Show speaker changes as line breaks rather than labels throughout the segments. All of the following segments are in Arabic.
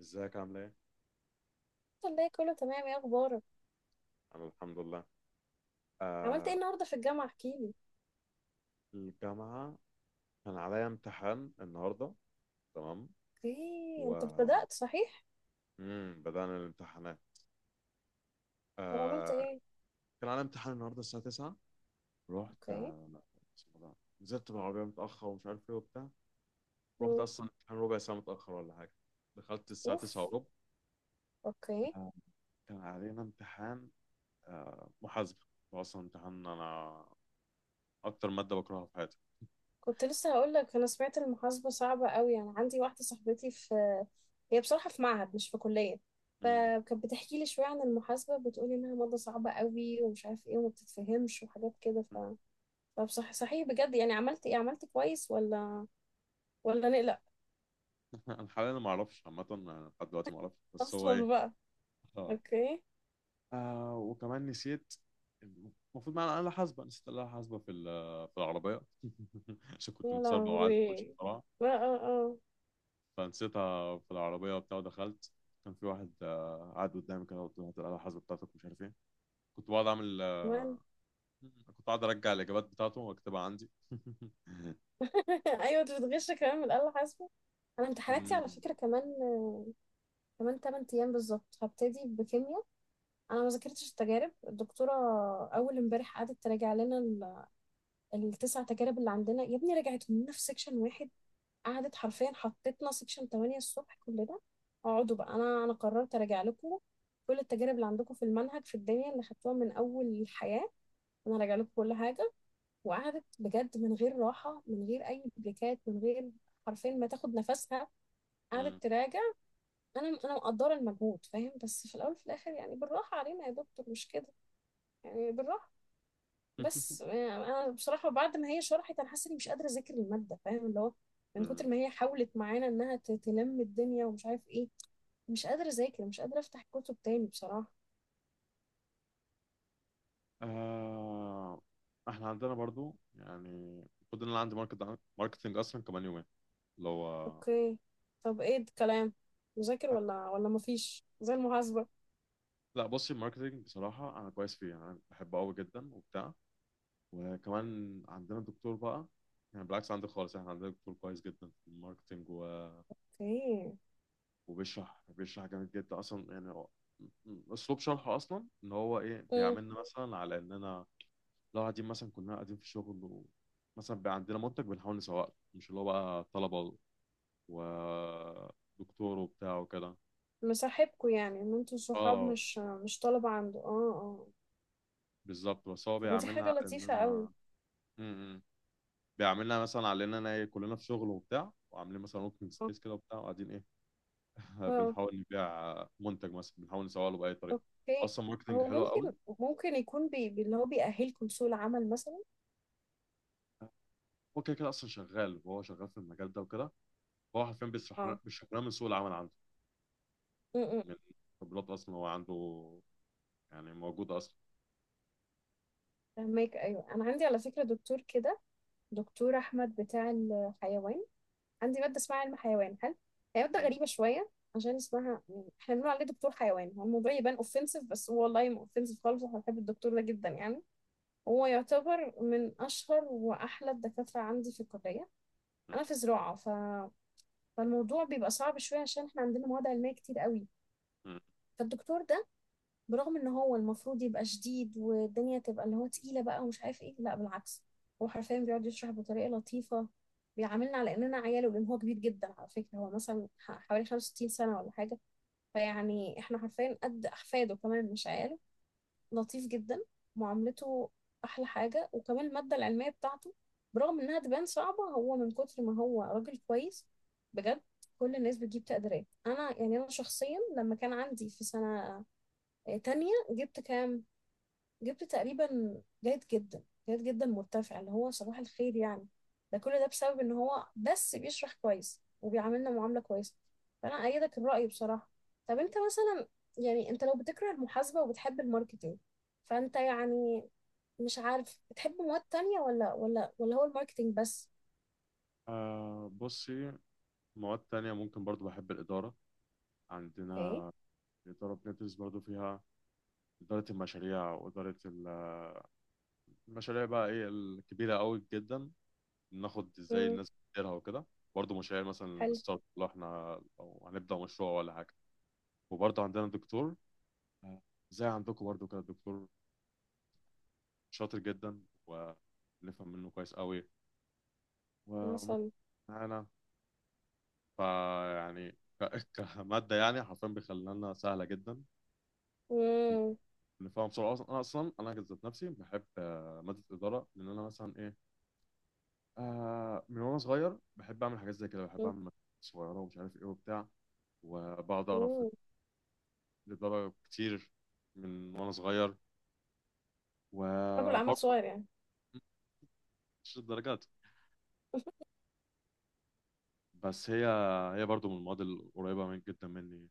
ازيك عامل ايه؟
الحمد لله، كله تمام. ايه اخبارك؟
انا الحمد لله.
عملت ايه
آه.
النهارده في الجامعه؟ احكيلي.
الجامعة. كان عليا امتحان النهاردة. تمام.
اوكي
و
انت ابتدأت صحيح.
مم. بدأنا الامتحانات.
طب عملت
آه.
ايه؟
كان عليا امتحان النهاردة الساعة 9. رحت
اوكي.
اسمه ده، نزلت بالعربية متأخر ومش عارف ايه وبتاع. رحت
مم.
أصلا امتحان ربع ساعة متأخر ولا حاجة. دخلت الساعة
اوف.
9 وربع.
اوكي.
آه. كان علينا امتحان محاسبة. هو أصلا امتحان، أنا أكتر مادة بكرهها في حياتي.
كنت لسه هقول لك انا سمعت المحاسبه صعبه قوي، يعني عندي واحده صاحبتي في، هي بصراحه في معهد مش في كليه.
مم.
فكانت بتحكي لي شويه عن المحاسبه، بتقولي انها ماده صعبه قوي ومش عارف ايه وما بتتفهمش وحاجات كده ف فبصح صحيح بجد، يعني عملت ايه، عملت كويس ولا نقلق؟
انا حاليا ما اعرفش، عامه أنا لحد دلوقتي ما اعرفش بس هو
اصلا
ايه.
بقى.
اه.
اوكي.
وكمان نسيت. المفروض معانا آلة حاسبة، نسيت الآلة الحاسبة في في العربية عشان كنت
يا
متسربع وعايز أخش
لهوي.
بسرعة.
اه اه.
فنسيتها في العربية وبتاع ودخلت. كان في واحد قاعد قدامي كده، قلت له هات الآلة الحاسبة بتاعتك ومش عارف إيه. كنت بقعد أعمل
كمان.
كنت قاعد أرجع الإجابات بتاعته وأكتبها عندي.
ايوه انت بتغش كمان من الاله حاسبه. انا امتحاناتي على
مم.
فكره كمان، 8 ايام بالظبط هبتدي بكيمياء. انا ما ذاكرتش التجارب. الدكتوره اول امبارح قعدت تراجع لنا التسع تجارب اللي عندنا، يا ابني رجعتهم لنا في سيكشن واحد، قعدت حرفيا حطيتنا سيكشن 8 الصبح كلنا، اقعدوا بقى، انا قررت اراجع لكم كل التجارب اللي عندكم في المنهج في الدنيا اللي خدتوها من اول الحياه. انا راجع لكم كل حاجه، وقعدت بجد من غير راحه، من غير اي بريكات، من غير، حرفيا ما تاخد نفسها، قعدت
مم.
تراجع. انا مقدره المجهود، فاهم؟ بس في الاول وفي الاخر يعني بالراحه علينا يا دكتور، مش كده؟ يعني بالراحه. بس يعني انا بصراحه بعد ما هي شرحت انا حاسه اني مش قادره اذاكر الماده، فاهم؟ اللي هو من كتر
مم.
ما هي حاولت معانا انها تلم الدنيا ومش عارف ايه. مش قادره اذاكر، مش قادره افتح كتب تاني بصراحه.
آه إحنا عندنا برضو يعني، المفروض إن أنا عندي ماركتنج أصلا كمان يومين، اللي هو.
اوكي. طب ايه الكلام، مذاكر ولا مفيش زي المحاسبه؟
لا بصي، الماركتينج بصراحة أنا كويس فيه، يعني أنا بحبه أوي جدا وبتاع. وكمان عندنا دكتور بقى. يعني بالعكس، عندي خالص، احنا عندنا دكتور كويس جدا في الماركتينج. و...
اوكي.
وبيشرح بيشرح جامد جدا أصلا. يعني أسلوب شرحه أصلا إن هو إيه بيعاملنا مثلا على إننا لو قاعدين، مثلا كنا قاعدين في شغل، و مثلا بقى عندنا منتج بنحاول نسوقه، مش اللي هو بقى طلبة ودكتور وبتاع وكده.
مصاحبكوا يعني ان انتوا صحاب،
اه
مش طلبة عنده؟ اه اه.
بالظبط. بس هو
طب ما دي
بيعاملنا
حاجة
على
لطيفة قوي.
إننا م- م. بيعملنا مثلا، علينا انا إيه، كلنا في شغل وبتاع وعاملين مثلا اوبن
اه.
سبيس كده وبتاع وقاعدين ايه،
آه.
بنحاول نبيع منتج مثلا بنحاول نسوق له باي طريقه.
اوكي.
اصلا ماركتنج
هو
حلو
ممكن،
قوي.
اللي هو بيأهلكم لسوق العمل مثلا.
هو كده كده اصلا شغال، وهو شغال في المجال ده وكده. فهو حرفيا بيشرح
اه.
لنا بيشرح لنا من سوق العمل عنده،
امم.
من خبرات اصلا هو عنده، يعني موجوده اصلا.
فهماك. ايوه انا عندي على فكرة دكتور كده، دكتور احمد بتاع الحيوان. عندي مادة اسمها علم حيوان. هي مادة
م-
غريبة شوية عشان اسمها، يعني احنا بنقول عليه دكتور حيوان، هو الموضوع يبان اوفنسيف، بس هو والله ما اوفنسيف خالص. احنا بنحب الدكتور ده جدا يعني. هو يعتبر من أشهر وأحلى الدكاترة عندي في الكلية.
م-
أنا في زراعة، فالموضوع بيبقى صعب شوية عشان إحنا عندنا مواد علمية كتير قوي.
م.
فالدكتور ده، برغم إن هو المفروض يبقى شديد والدنيا تبقى اللي هو تقيلة بقى ومش عارف إيه، لا بالعكس. هو حرفيا بيقعد يشرح بطريقة لطيفة، بيعاملنا على إننا عياله، لأن هو كبير جدا على فكرة. هو مثلا حوالي 65 سنة ولا حاجة، فيعني إحنا حرفيا قد أحفاده، كمان مش عياله. لطيف جدا معاملته. احلى حاجه. وكمان الماده العلميه بتاعته، برغم انها تبان صعبه، هو من كتر ما هو راجل كويس بجد، كل الناس بتجيب تقديرات. انا يعني انا شخصيا لما كان عندي في سنه تانية جبت كام؟ جبت تقريبا جيد جدا، جيد جدا مرتفع، اللي هو صباح الخير يعني. ده كل ده بسبب ان هو بس بيشرح كويس وبيعاملنا معاملة كويسة. فانا ايدك الرأي بصراحة. طب انت مثلا، يعني انت لو بتكره المحاسبة وبتحب الماركتينج، فانت يعني مش عارف بتحب مواد تانية ولا هو الماركتينج بس؟
آه بصي، مواد تانية ممكن برضو بحب الإدارة.
اوكي.
عندنا الإدارة بندرس برضو فيها إدارة المشاريع، وإدارة المشاريع بقى إيه الكبيرة أوي جدا. ناخد ازاي
امم.
الناس بتديرها وكده، برضه مشاريع مثلا
حلو.
ستارت، لو احنا لو هنبدا مشروع ولا حاجه. وبرضه عندنا دكتور، آه، زي عندكم برضه كده دكتور شاطر جدا، ونفهم منه كويس قوي ومتعاون
مثلا.
معانا. فيعني كماده يعني حرفيا بيخلينا سهله جدا،
امم.
نفهم بسرعه. اصلا انا ذات نفسي بحب ماده الاداره، لان انا مثلا ايه، من وانا صغير بحب اعمل حاجات زي كده، بحب اعمل مشاريع صغيره ومش عارف ايه وبتاع، وبقعد اقرا في، لدرجة كتير من وأنا صغير.
رجل اعمال
وبرضه
صغير يعني.
مش الدرجات بس، هي هي برضه من المواد القريبة من جدا مني،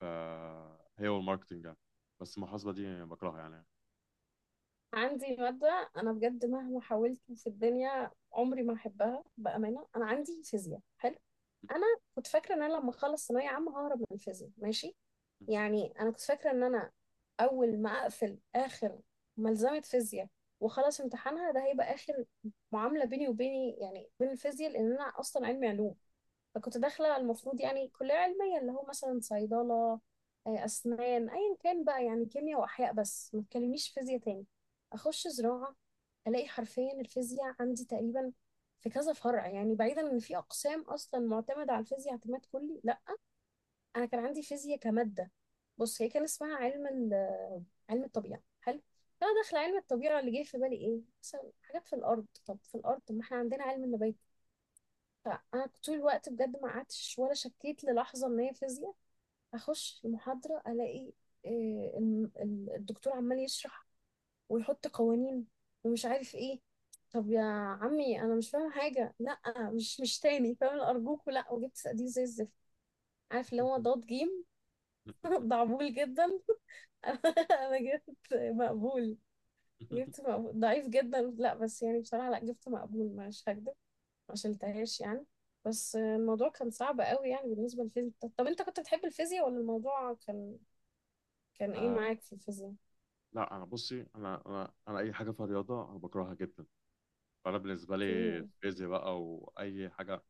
فهي والماركتينج يعني. بس المحاسبة دي بكرهها يعني.
عندي مادة أنا بجد مهما حاولت في الدنيا عمري ما أحبها بأمانة. أنا عندي فيزياء، حلو. أنا كنت فاكرة إن أنا لما أخلص ثانوية عامة ههرب من الفيزياء ماشي، يعني أنا كنت فاكرة إن أنا أول ما أقفل آخر ملزمة فيزياء وخلص امتحانها، ده هيبقى آخر معاملة بيني وبيني، يعني بين الفيزياء، لأن أنا أصلا علمي علوم. فكنت داخلة المفروض يعني كلية علمية اللي هو مثلا صيدلة، آه، أسنان، أيا كان بقى، يعني كيمياء وأحياء، بس ما تكلمنيش فيزياء تاني. أخش زراعة ألاقي حرفيا الفيزياء عندي تقريبا في كذا فرع، يعني بعيدا إن في أقسام أصلا معتمدة على الفيزياء اعتماد كلي، لأ أنا كان عندي فيزياء كمادة. بص هي كان اسمها علم الطبيعة، حلو. فأنا داخلة علم الطبيعة اللي جه في بالي إيه؟ مثلا حاجات في الأرض، طب في الأرض، طب ما إحنا عندنا علم النبات. فانا طول الوقت بجد ما قعدتش ولا شكيت للحظه ان هي فيزياء. اخش المحاضره الاقي آه، الدكتور عمال يشرح ويحط قوانين ومش عارف ايه. طب يا عمي انا مش فاهم حاجه، لا مش تاني فاهم ارجوك لا. وجبت صناديق زي الزفت، عارف اللي هو ضاد جيم. ضعبول جدا. انا جبت مقبول. جبت مقبول، ضعيف جدا، لا بس يعني بصراحه لا جبت مقبول مش هكدب، ما شلتهاش يعني. بس الموضوع كان صعب قوي يعني بالنسبة للفيزياء. طب انت كنت بتحب الفيزياء ولا الموضوع كان ايه
آه
معاك في الفيزياء؟
لا، أنا بصي، أنا أي حاجة في الرياضة أنا بكرهها جدا. فأنا بالنسبة لي
اوكي.
الفيزياء بقى وأي حاجة،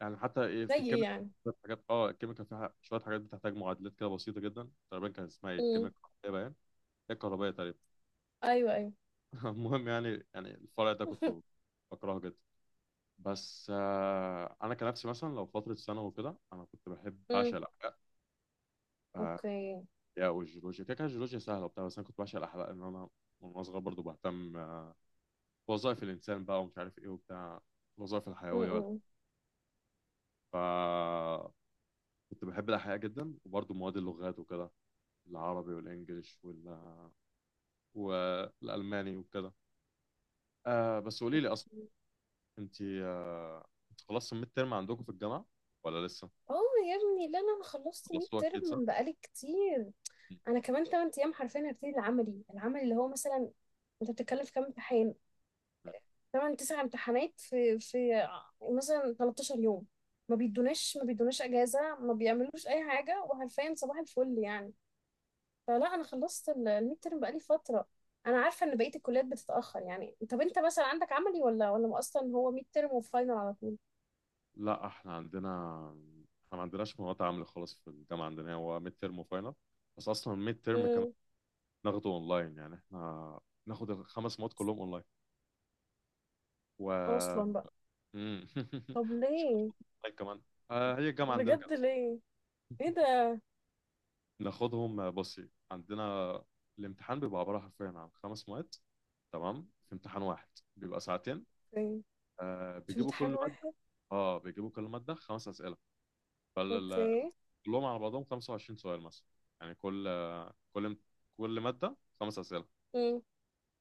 يعني حتى إيه
زي
في
ايه
الكيمياء
يعني؟
شوية حاجات. اه الكيمياء فيها شوية حاجات بتحتاج معادلات كده بسيطة جدا. تقريبا كان اسمها ايه، الكيمياء
امم.
الكهربائية باين. هي الكهربائية تقريبا.
ايوه ايوه.
المهم يعني، الفرع ده كنت بكرهه جدا. بس انا كنفسي مثلا لو فتره ثانوي وكده، انا كنت بحب، بعشق
امم.
الاحياء. آه،
اوكي.
الاحياء والجيولوجيا كده كده، الجيولوجيا سهله وبتاع، بس انا كنت بعشق الاحياء لان انا من وأنا صغير برضه بهتم بوظائف الانسان بقى ومش عارف ايه وبتاع، الوظائف الحيويه ولا.
امم.
ف كنت بحب الاحياء جدا. وبرضه مواد اللغات وكده، العربي والانجليش وال والالماني وكده. آه بس قولي لي اصلا، انت خلصت الميد ترم عندكم في الجامعه ولا لسه؟
اه. يا ابني لا لا انا خلصت 100
خلصتوها
ترم
اكيد صح؟
من بقالي كتير.
مم.
انا كمان 8 ايام حرفيا هبتدي العملي، العملي اللي هو مثلا، انت بتتكلم في كام امتحان؟ تمن تسع امتحانات في مثلا 13 يوم. ما بيدوناش اجازه، ما بيعملوش اي حاجه، وحرفيا صباح الفل يعني. فلا انا خلصت الميد ترم بقالي فتره. انا عارفه ان بقيه الكليات بتتاخر، يعني طب انت مثلا عندك عملي ولا اصلا هو ميد ترم وفاينل على طول؟
لا احنا ما عندناش مواد عامله خالص في الجامعه. عندنا هو ميد ترم وفاينل. بس اصلا الميد ترم كمان
امم.
ناخده اونلاين، يعني احنا ناخد الخمس مواد كلهم اونلاين، و
اصلا بقى.
مم.
طب
مش بناخد
ليه؟
اونلاين كمان. هي الجامعه عندنا كده.
بجد ليه؟ ايه ده؟
ناخدهم بصي عندنا، الامتحان بيبقى عباره حرفيا عن خمس مواد تمام في امتحان واحد، بيبقى ساعتين.
في في
بيجيبوا
امتحان
كل ماده،
واحد؟
اه بيجيبوا كل ماده خمس اسئله،
اوكي.
كلهم على بعضهم 25 سؤال مثلا. يعني كل كل مادة خمس أسئلة.
امم.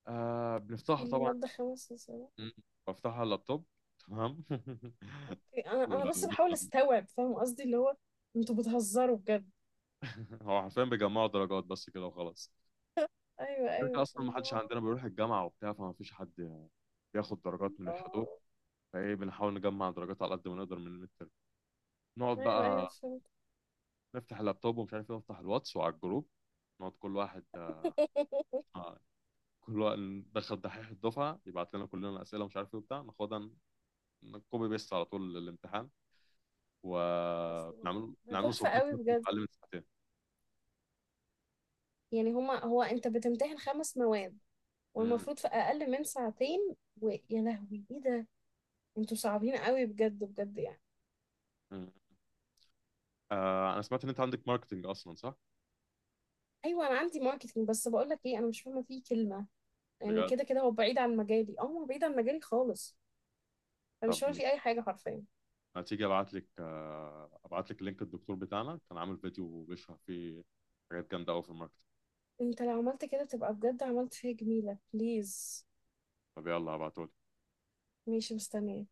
بنفتحها
كل
طبعا.
ماده خمس.
مم. بفتحها على اللابتوب. تمام.
انا بس بحاول
ومثلا
استوعب، فاهم قصدي اللي هو انتوا بتهزروا بجد؟
هو حرفيا بيجمعوا درجات بس كده وخلاص.
ايوه
كده
ايوه.
أصلا، ما حدش
الله.
عندنا بيروح الجامعة وبتاع، فما فيش حد بياخد درجات من الحضور.
الله.
فايه بنحاول نجمع درجات على قد ما نقدر من الميد تيرم. نقعد
ايوه ايوه.
بقى
فهمت.
نفتح اللابتوب ومش عارف ايه، نفتح الواتس وعلى الجروب، نقعد كل واحد، آه، كل واحد ندخل دحيح الدفعه يبعت لنا كلنا اسئله ومش عارف ايه وبتاع، ناخدها كوبي بيست على طول الامتحان.
اصلا
وبنعمله
ده
بنعمله
تحفه
سبميت
قوي
مثلا في
بجد،
اقل من ساعتين.
يعني هما، هو انت بتمتحن خمس مواد
مم.
والمفروض في اقل من ساعتين؟ ويا لهوي ايه ده؟ انتوا صعبين قوي بجد بجد يعني.
مم. انا سمعت ان انت عندك ماركتنج اصلا صح؟
ايوه انا عندي ماركتنج بس بقول لك ايه، انا مش فاهمه فيه كلمه، يعني
بجد.
كده كده هو بعيد عن مجالي. اه هو بعيد عن مجالي خالص، انا
طب
مش فاهمه فيه اي حاجه حرفيا.
ما تيجي ابعت لك لينك الدكتور بتاعنا، كان عامل فيديو بيشرح فيه حاجات جامده قوي في الماركتنج.
انت لو عملت كده تبقى بجد عملت فيها جميلة، بليز.
طب يلا هبعته.
ماشي، مستنية.